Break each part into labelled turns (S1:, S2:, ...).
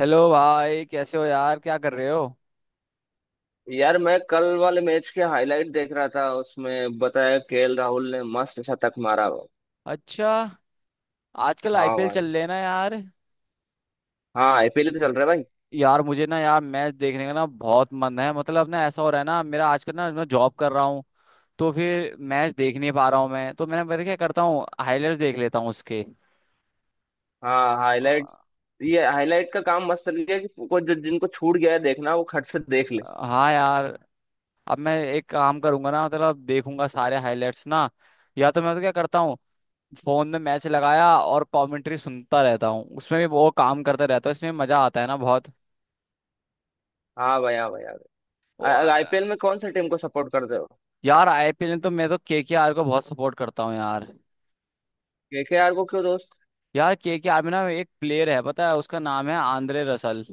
S1: Hello भाई, कैसे हो यार? क्या कर रहे हो?
S2: यार मैं कल वाले मैच के हाईलाइट देख रहा था। उसमें बताया केएल राहुल ने मस्त शतक मारा भाई।
S1: अच्छा। आजकल
S2: हाँ
S1: आईपीएल
S2: भाई।
S1: चल रहे हैं ना यार।
S2: हाँ, आईपीएल तो चल रहा है भाई।
S1: यार मुझे ना यार मैच देखने का ना बहुत मन है। मतलब ना ऐसा हो रहा है ना मेरा आजकल ना मैं जॉब कर रहा हूँ। तो फिर मैच देख नहीं पा रहा हूँ। मैं तो मैंने पता क्या करता हूँ, हाईलाइट देख लेता हूँ उसके।
S2: हाँ,
S1: अ,
S2: हाईलाइट। ये हाईलाइट का काम मस्त चल गया कि को जो जिनको छूट गया है देखना वो खट से देख ले।
S1: हाँ यार। अब मैं एक काम करूंगा ना, मतलब देखूंगा सारे हाईलाइट्स ना। या तो मैं तो क्या करता हूँ, फोन में मैच लगाया और कमेंट्री सुनता रहता हूँ, उसमें भी वो काम करता रहता हूँ, इसमें मजा आता है ना।
S2: हाँ भाई, हाँ भाई यार।
S1: बहुत।
S2: आईपीएल में कौन सी टीम को सपोर्ट करते हो?
S1: यार आईपीएल में तो मैं तो केकेआर को बहुत सपोर्ट करता हूँ यार।
S2: केकेआर को क्यों दोस्त?
S1: यार केकेआर में ना एक प्लेयर है, पता है, उसका नाम है आंद्रे रसल।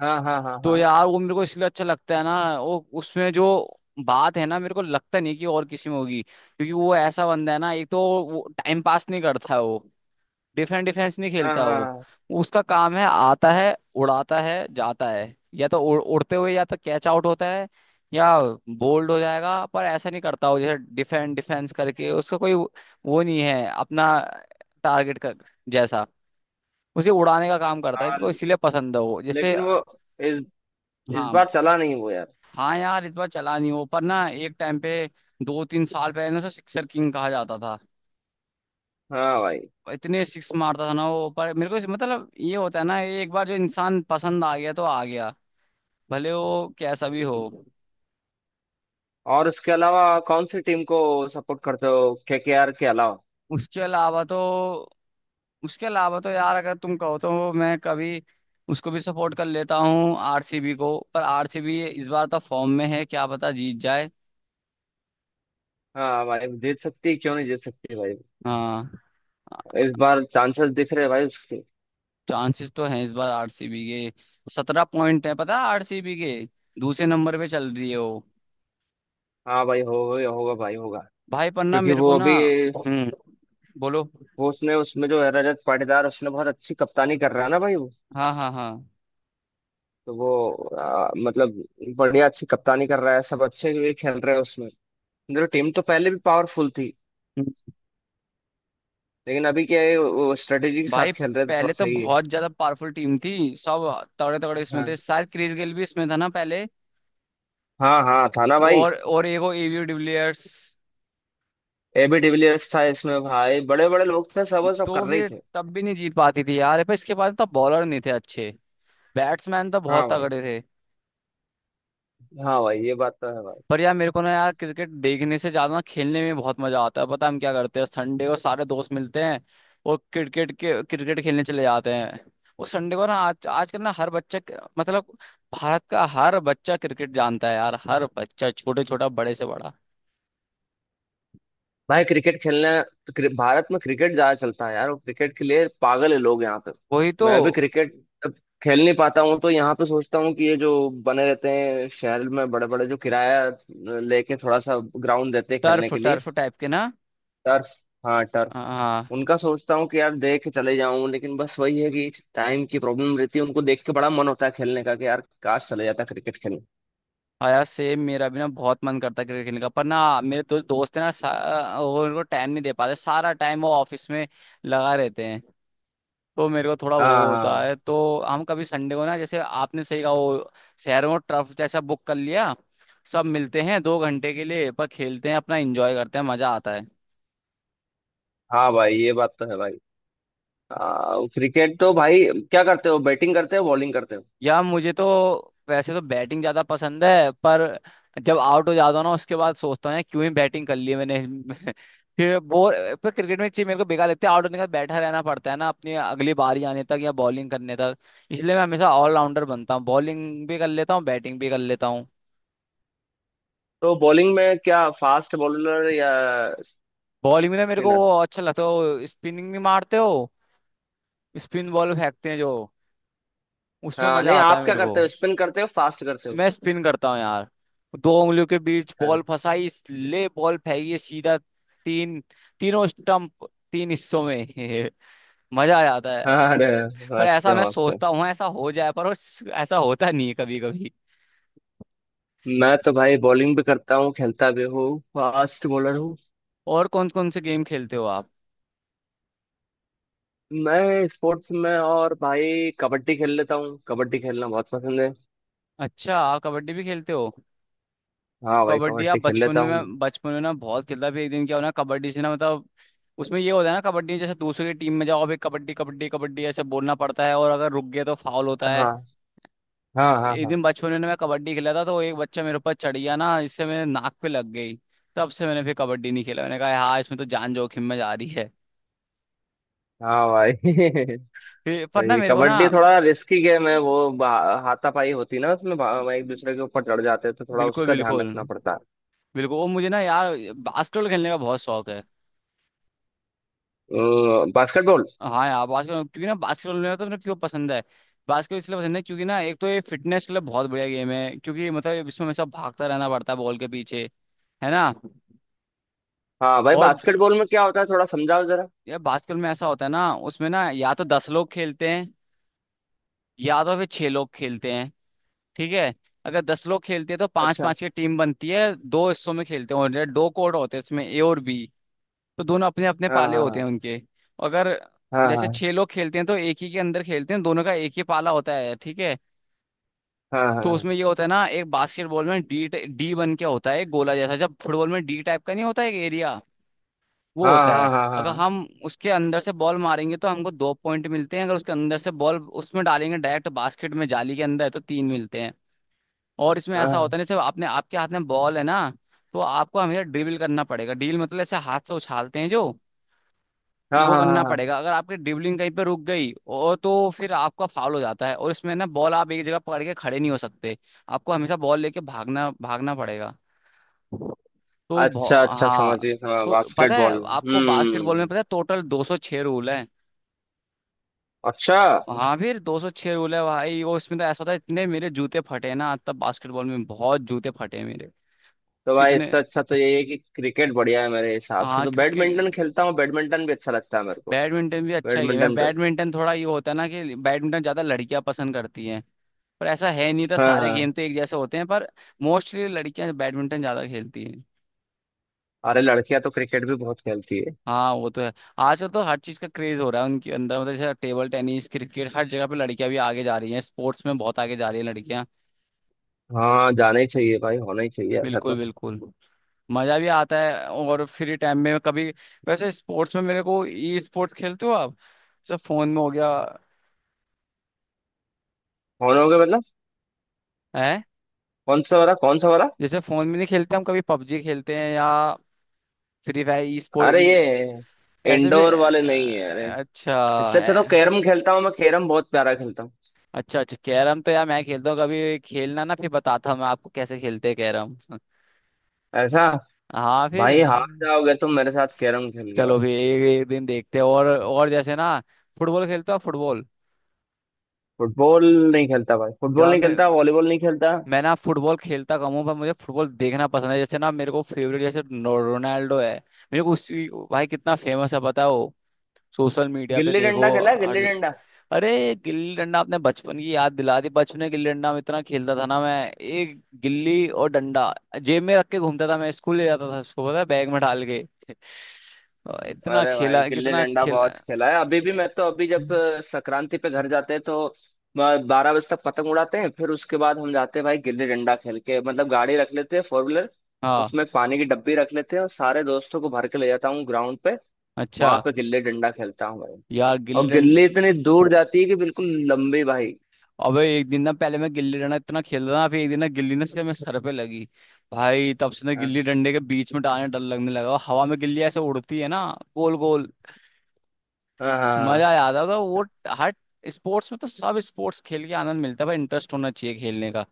S2: हाँ हाँ हाँ
S1: तो
S2: हाँ।
S1: यार वो मेरे को इसलिए अच्छा लगता है ना। वो उसमें जो बात है ना, मेरे को लगता नहीं कि और किसी में होगी, क्योंकि वो ऐसा बंदा है ना। एक तो वो टाइम पास नहीं करता है। वो डिफेंस डिफेंस नहीं
S2: हाँ
S1: खेलता। वो
S2: हाँ
S1: उसका काम है, आता है, उड़ाता है, जाता है। या तो उड़ते हुए या तो कैच आउट होता है, या बोल्ड हो जाएगा। पर ऐसा नहीं करता वो, जैसे डिफेंस डिफेंस करके उसका कोई वो नहीं है अपना। टारगेट कर, जैसा उसे उड़ाने का काम करता है। मेरे को
S2: हाँ।
S1: इसलिए पसंद है वो जैसे।
S2: लेकिन वो इस इस
S1: हाँ।
S2: बार चला नहीं वो यार।
S1: हाँ यार, इस बार चला नहीं वो, पर ना एक टाइम पे दो तीन साल पहले ना उसे सिक्सर किंग कहा जाता था।
S2: हाँ भाई।
S1: इतने सिक्स मारता था ना वो। पर मेरे को मतलब ये होता है ना, ये एक बार जो इंसान पसंद आ गया तो आ गया। भले वो कैसा भी हो।
S2: और उसके अलावा कौन सी टीम को सपोर्ट करते हो? केकेआर के अलावा?
S1: उसके अलावा तो उसके अलावा तो यार, अगर तुम कहो तो मैं कभी उसको भी सपोर्ट कर लेता हूँ, आरसीबी को। पर आरसीबी इस बार तो फॉर्म में है, क्या पता जीत जाए।
S2: हाँ भाई, जीत सकती है, क्यों नहीं जीत सकती भाई।
S1: हाँ।
S2: इस बार चांसेस दिख रहे हैं भाई उसके।
S1: चांसेस तो हैं, इस बार आरसीबी के 17 पॉइंट है, पता है। आरसीबी के दूसरे नंबर पे चल रही है वो।
S2: हाँ भाई, होगा होगा भाई, होगा।
S1: भाई पर ना
S2: क्योंकि
S1: मेरे
S2: वो
S1: को ना।
S2: अभी
S1: हम्म, बोलो।
S2: वो उसने उसमें जो है रजत पाटीदार उसने बहुत अच्छी कप्तानी कर रहा है ना भाई वो।
S1: हाँ हाँ हाँ
S2: तो वो मतलब बढ़िया अच्छी कप्तानी कर रहा है, सब अच्छे भी खेल रहे हैं उसमें। देखो, टीम तो पहले भी पावरफुल थी, लेकिन अभी क्या है वो स्ट्रेटेजी के साथ
S1: भाई।
S2: खेल रहे हैं तो
S1: पहले
S2: थोड़ा
S1: तो
S2: सही है।
S1: बहुत ज्यादा पावरफुल टीम थी सब। तगड़े तगड़े इसमें
S2: हाँ
S1: थे, शायद क्रिस गेल भी इसमें था ना पहले।
S2: हाँ, हाँ था ना भाई।
S1: और एक वो AB de Villiers.
S2: A B de Villiers था इसमें भाई, बड़े बड़े लोग थे सब, वो सब कर
S1: तो
S2: रहे ही
S1: फिर
S2: थे।
S1: तब भी नहीं जीत पाती थी यार, पर इसके बाद तब बॉलर नहीं थे अच्छे। बैट्समैन तो बहुत
S2: हाँ भाई,
S1: तगड़े थे।
S2: हाँ भाई, ये बात तो है भाई।
S1: पर यार मेरे को ना यार, क्रिकेट देखने से ज्यादा ना खेलने में बहुत मजा आता है। पता है हम क्या करते हैं, संडे को सारे दोस्त मिलते हैं और क्रिकेट खेलने चले जाते हैं। वो संडे को ना, आज आजकल ना हर बच्चा, मतलब भारत का हर बच्चा क्रिकेट जानता है यार, हर बच्चा, छोटे छोटा, बड़े से बड़ा।
S2: भाई क्रिकेट खेलना तो भारत में क्रिकेट ज्यादा चलता है यार, और क्रिकेट के लिए पागल है लोग यहाँ पे।
S1: वही तो।
S2: मैं भी क्रिकेट जब खेल नहीं पाता हूँ तो यहाँ पे सोचता हूँ कि ये जो बने रहते हैं शहर में बड़े बड़े जो किराया लेके थोड़ा सा ग्राउंड देते हैं खेलने
S1: टर्फ
S2: के लिए।
S1: टर्फ टाइप के ना।
S2: टर्फ। हाँ, टर्फ।
S1: हाँ।
S2: उनका सोचता हूँ कि यार देख के चले जाऊं, लेकिन बस वही है कि टाइम की प्रॉब्लम रहती है। उनको देख के बड़ा मन होता है खेलने का कि यार काश चले जाता क्रिकेट खेलने।
S1: हाँ यार सेम, मेरा भी ना बहुत मन करता है क्रिकेट खेलने का, पर ना मेरे तो दोस्त है ना, वो उनको टाइम नहीं दे पाते, सारा टाइम वो ऑफिस में लगा रहते हैं। तो मेरे को थोड़ा
S2: हाँ
S1: वो होता
S2: हाँ।
S1: है तो। हम कभी संडे को ना, जैसे आपने सही कहा वो, शहरों में टर्फ जैसा बुक कर लिया, सब मिलते हैं 2 घंटे के लिए, पर खेलते हैं अपना, एंजॉय करते हैं, मजा आता है।
S2: हाँ भाई, ये बात तो है भाई। क्रिकेट तो भाई, क्या करते हो, बैटिंग करते हो, बॉलिंग करते हो?
S1: या मुझे तो वैसे तो बैटिंग ज्यादा पसंद है, पर जब आउट हो जाता हूँ ना उसके बाद सोचता हूँ, यार, क्यों ही बैटिंग कर ली मैंने। फिर बोर। पर क्रिकेट में एक चीज मेरे को बेकार लगती है, आउट होने के बाद बैठा रहना पड़ता है ना, अपनी अगली बारी आने तक या बॉलिंग करने तक। इसलिए मैं हमेशा ऑलराउंडर बनता हूँ, बॉलिंग भी कर लेता हूँ, बैटिंग भी कर लेता हूँ।
S2: तो बॉलिंग में क्या, फास्ट बॉलर या
S1: बॉलिंग में तो मेरे को
S2: स्पिनर?
S1: अच्छा लगता है वो, स्पिनिंग नहीं मारते हो, स्पिन बॉल फेंकते हैं जो, उसमें
S2: हाँ,
S1: मजा
S2: नहीं,
S1: आता है
S2: आप क्या
S1: मेरे को।
S2: करते हो, स्पिन करते हो फास्ट करते हो?
S1: मैं स्पिन करता हूँ यार, दो उंगलियों के बीच
S2: अरे।
S1: बॉल फंसाई ले, बॉल फेंकी है सीधा। तीन, तीनों स्टंप, तीन हिस्सों में। मजा आ जाता है।
S2: हाँ, अरे,
S1: पर
S2: मस्त
S1: ऐसा
S2: है
S1: मैं
S2: मस्त है।
S1: सोचता हूँ, ऐसा हो जाए, पर ऐसा होता नहीं है कभी कभी।
S2: मैं तो भाई बॉलिंग भी करता हूँ, खेलता भी हूँ, फास्ट बॉलर हूँ।
S1: और कौन कौन से गेम खेलते हो आप?
S2: मैं स्पोर्ट्स में और भाई कबड्डी खेल लेता हूँ, कबड्डी खेलना बहुत पसंद है।
S1: अच्छा, आप कबड्डी भी खेलते हो?
S2: हाँ भाई,
S1: कबड्डी आप
S2: कबड्डी खेल
S1: बचपन
S2: लेता
S1: में,
S2: हूँ।
S1: मैं बचपन में ना बहुत खेलता था। फिर एक दिन क्या हो ना, कबड्डी से ना, मतलब उसमें ये होता है ना, कबड्डी में जैसे दूसरे की टीम में जाओ अभी, कबड्डी कबड्डी कबड्डी ऐसे बोलना पड़ता है, और अगर रुक गए तो फाउल होता है।
S2: हाँ हाँ हाँ
S1: एक
S2: हाँ।
S1: दिन बचपन में ना मैं कबड्डी खेला था, तो एक बच्चा मेरे ऊपर चढ़ गया ना, इससे मेरे नाक पे लग गई। तब से मैंने फिर कबड्डी नहीं खेला, मैंने कहा हाँ इसमें तो जान जोखिम में जा रही है।
S2: हाँ भाई।
S1: फिर पर ना
S2: सही,
S1: मेरे को ना।
S2: कबड्डी थोड़ा रिस्की गेम है वो। हाथापाई होती ना उसमें, एक दूसरे के ऊपर चढ़ जाते हैं तो थोड़ा
S1: बिल्कुल,
S2: उसका
S1: बिल्कुल,
S2: ध्यान रखना पड़ता है।
S1: बिल्कुल। वो मुझे ना यार बास्केटबॉल खेलने का बहुत शौक है।
S2: बास्केटबॉल।
S1: हाँ यार, बास्केटबॉल, क्योंकि ना बास्केटबॉल मेरा तो, मेरे क्यों पसंद है बास्केटबॉल, इसलिए पसंद है क्योंकि ना, एक तो ये फिटनेस के लिए बहुत बढ़िया गेम है, क्योंकि मतलब इसमें हमेशा भागता रहना पड़ता है बॉल के पीछे, है ना।
S2: हाँ भाई,
S1: और
S2: बास्केटबॉल में क्या होता है थोड़ा समझाओ जरा।
S1: यार बास्केटबॉल में ऐसा होता है ना, उसमें ना या तो 10 लोग खेलते हैं, या तो फिर छह लोग खेलते हैं। ठीक है, अगर 10 लोग खेलते हैं तो पांच
S2: अच्छा।
S1: पांच की टीम बनती है, दो हिस्सों में खेलते हैं, और दो कोर्ट होते हैं इसमें, ए और बी। तो दोनों अपने अपने पाले होते
S2: हाँ
S1: हैं उनके। अगर
S2: हाँ
S1: जैसे
S2: हाँ
S1: छह लोग खेलते हैं तो एक ही के अंदर खेलते हैं, दोनों का एक ही पाला होता है, ठीक है।
S2: हाँ
S1: तो
S2: हाँ
S1: उसमें ये होता है ना, एक बास्केटबॉल में डी डी बन के होता है, एक गोला जैसा, जब फुटबॉल में डी टाइप का नहीं होता, एक एरिया वो
S2: हाँ
S1: होता
S2: हाँ
S1: है।
S2: हाँ हाँ
S1: अगर
S2: हाँ
S1: हम उसके अंदर से बॉल मारेंगे तो हमको दो पॉइंट मिलते हैं, अगर उसके अंदर से बॉल उसमें डालेंगे डायरेक्ट बास्केट में जाली के अंदर, तो तीन मिलते हैं। और इसमें ऐसा
S2: हाँ
S1: होता है ना, जैसे आपने आपके हाथ में बॉल है ना, तो आपको हमेशा ड्रिबल करना पड़ेगा। ड्रिबल मतलब ऐसे हाथ से उछालते हैं जो,
S2: हाँ
S1: वो
S2: हाँ हाँ
S1: करना
S2: हाँ, हाँ।
S1: पड़ेगा। अगर आपकी ड्रिबलिंग कहीं पे रुक गई और, तो फिर आपका फाउल हो जाता है। और इसमें ना बॉल आप एक जगह पकड़ के खड़े नहीं हो सकते, आपको हमेशा बॉल लेके भागना भागना पड़ेगा। तो
S2: अच्छा अच्छा,
S1: हाँ।
S2: समझिए, हाँ
S1: तो पता है
S2: बास्केटबॉल।
S1: आपको बास्केटबॉल में,
S2: हम्म।
S1: पता है, टोटल 206 रूल है।
S2: अच्छा।
S1: हाँ, फिर 206 रूल है भाई वो, इसमें तो ऐसा था, इतने मेरे जूते फटे हैं ना तब बास्केटबॉल में, बहुत जूते फटे हैं मेरे।
S2: तो भाई
S1: कितने?
S2: इससे अच्छा तो ये है कि क्रिकेट बढ़िया है मेरे हिसाब से,
S1: हाँ
S2: तो बैडमिंटन
S1: क्रिकेट,
S2: खेलता हूँ, बैडमिंटन भी अच्छा लगता है मेरे को।
S1: बैडमिंटन भी अच्छा गेम है।
S2: बैडमिंटन पे।
S1: बैडमिंटन थोड़ा ये होता है ना कि बैडमिंटन ज्यादा लड़कियां पसंद करती हैं, पर ऐसा है नहीं, तो
S2: हाँ
S1: सारे
S2: हाँ।
S1: गेम तो एक जैसे होते हैं, पर मोस्टली लड़कियां बैडमिंटन ज्यादा खेलती हैं।
S2: अरे लड़कियां तो क्रिकेट भी बहुत खेलती है।
S1: हाँ, वो तो है। आजकल तो हर चीज का क्रेज हो रहा है उनके अंदर, मतलब जैसे टेबल टेनिस, क्रिकेट, हर जगह पे लड़कियां भी आगे जा रही हैं, स्पोर्ट्स में बहुत आगे जा रही हैं लड़कियां।
S2: हाँ, जाना ही चाहिए भाई, होना ही चाहिए ऐसा
S1: बिल्कुल
S2: तो।
S1: बिल्कुल। मजा भी आता है। और फ्री टाइम में कभी, वैसे स्पोर्ट्स में मेरे को, ई स्पोर्ट्स खेलते हो आप? जैसे फोन में हो गया
S2: होना होगा मतलब।
S1: है।
S2: कौन सा वाला, कौन सा वाला?
S1: जैसे फोन में नहीं खेलते हम कभी, पबजी खेलते हैं या फ्री फायर, ई स्पोर्ट
S2: अरे
S1: इन
S2: ये
S1: ऐसे भी।
S2: इंडोर वाले नहीं है? अरे
S1: अच्छा।
S2: इससे अच्छा तो
S1: है।
S2: कैरम खेलता हूँ मैं, कैरम बहुत प्यारा खेलता हूँ।
S1: अच्छा अच्छा, कैरम तो यार मैं खेलता हूँ, कभी खेलना ना फिर बताता हूँ मैं आपको कैसे खेलते हैं कैरम।
S2: ऐसा।
S1: हाँ, फिर
S2: भाई हार जाओगे तुम मेरे साथ कैरम खेल के
S1: चलो
S2: भाई।
S1: फिर एक एक दिन देखते हैं। और जैसे ना, फुटबॉल खेलते हो फुटबॉल?
S2: फुटबॉल। नहीं खेलता भाई फुटबॉल,
S1: यार
S2: नहीं
S1: मैं,
S2: खेलता वॉलीबॉल, नहीं खेलता।
S1: ना फुटबॉल खेलता कम हूँ, पर मुझे फुटबॉल देखना पसंद है। जैसे ना मेरे को फेवरेट जैसे रोनाल्डो है, मेरे को उसी, भाई कितना फेमस है पता है, सोशल मीडिया पे
S2: गिल्ली
S1: देखो
S2: डंडा खेला है,
S1: हर
S2: गिल्ली
S1: जगह-
S2: डंडा।
S1: अरे गिल्ली डंडा, आपने बचपन की याद दिला दी, बचपन में गिल्ली डंडा में इतना खेलता था ना मैं। एक गिल्ली और डंडा जेब में रख के घूमता था मैं, स्कूल ले जाता था उसको, पता है, बैग में डाल के। और इतना
S2: अरे भाई
S1: खेला,
S2: गिल्ली
S1: कितना
S2: डंडा
S1: खेला।
S2: बहुत खेला है, अभी भी
S1: ये-
S2: मैं तो। अभी जब संक्रांति पे घर जाते हैं तो 12 बजे तक पतंग उड़ाते हैं, फिर उसके बाद हम जाते हैं भाई गिल्ली डंडा खेल के। मतलब गाड़ी रख लेते हैं फोर व्हीलर,
S1: हाँ,
S2: उसमें पानी की डब्बी रख लेते हैं और सारे दोस्तों को भर के ले जाता हूँ ग्राउंड पे।
S1: अच्छा।
S2: वहां पे गिल्ले डंडा खेलता हूँ भाई।
S1: यार गिल्ली
S2: और
S1: डंडा,
S2: गिल्ले इतने दूर जाती है कि बिल्कुल लंबे भाई।
S1: अबे एक दिन ना, पहले मैं गिल्ली डंडा इतना खेलता था ना, फिर एक दिन ना गिल्ली ना से मेरे सर पे लगी, भाई तब से ना
S2: हाँ
S1: गिल्ली डंडे के बीच में डालने डर लगने लगा, और हवा में गिल्ली ऐसे उड़ती है ना, गोल गोल।
S2: हाँ हाँ
S1: मजा आ
S2: हाँ।
S1: जाता था वो। हर स्पोर्ट्स में तो सब स्पोर्ट्स खेल के आनंद मिलता है भाई, इंटरेस्ट होना चाहिए खेलने का।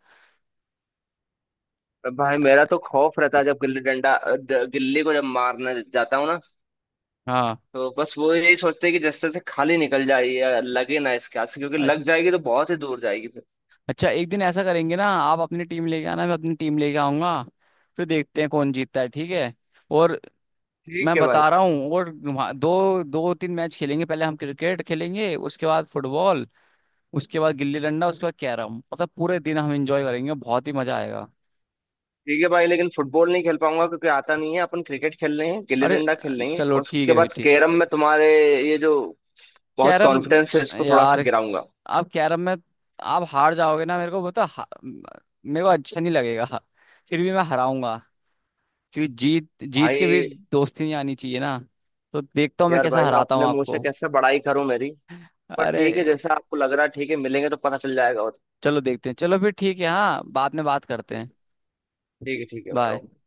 S2: तो भाई मेरा तो खौफ रहता है, जब गिल्ली डंडा गिल्ले को जब मारने जाता हूँ ना,
S1: हाँ।
S2: तो बस वो यही सोचते हैं कि जस्ते से खाली निकल जाए या लगे ना इसके हाथ से, क्योंकि
S1: अ-
S2: लग जाएगी तो बहुत ही दूर जाएगी फिर।
S1: अच्छा, एक दिन ऐसा करेंगे ना, आप अपनी टीम लेके आना, मैं अपनी टीम लेके आऊंगा, फिर देखते हैं कौन जीतता है, ठीक है। और
S2: ठीक
S1: मैं
S2: है भाई।
S1: बता रहा हूँ, और दो दो तीन मैच खेलेंगे, पहले हम क्रिकेट खेलेंगे, उसके बाद फुटबॉल, उसके बाद गिल्ली डंडा, उसके बाद कैरम, मतलब पूरे दिन हम एंजॉय करेंगे, बहुत ही मजा आएगा।
S2: ठीक है भाई, लेकिन फुटबॉल नहीं खेल पाऊंगा क्योंकि आता नहीं है। अपन क्रिकेट खेल रहे हैं, गिल्ली
S1: अरे
S2: डंडा खेल रहे हैं,
S1: चलो, ठीक
S2: उसके
S1: है फिर,
S2: बाद
S1: ठीक।
S2: कैरम में तुम्हारे ये जो बहुत
S1: कैरम
S2: कॉन्फिडेंस है इसको थोड़ा सा
S1: यार,
S2: गिराऊंगा
S1: आप कैरम में, आप हार जाओगे ना मेरे को, मतलब मेरे को अच्छा नहीं लगेगा, फिर भी मैं हराऊंगा, क्योंकि जीत जीत के भी
S2: भाई।
S1: दोस्ती नहीं आनी चाहिए ना। तो देखता हूँ मैं
S2: यार भाई
S1: कैसा
S2: मैं
S1: हराता हूँ
S2: अपने मुंह से
S1: आपको।
S2: कैसे बड़ाई करूं मेरी, पर
S1: अरे
S2: ठीक है जैसा आपको लग रहा है, ठीक है मिलेंगे तो पता चल जाएगा। और
S1: चलो देखते हैं, चलो फिर ठीक है, हाँ बाद में बात करते
S2: ठीक,
S1: हैं।
S2: ठीक है भाई,
S1: बाय।
S2: ओके।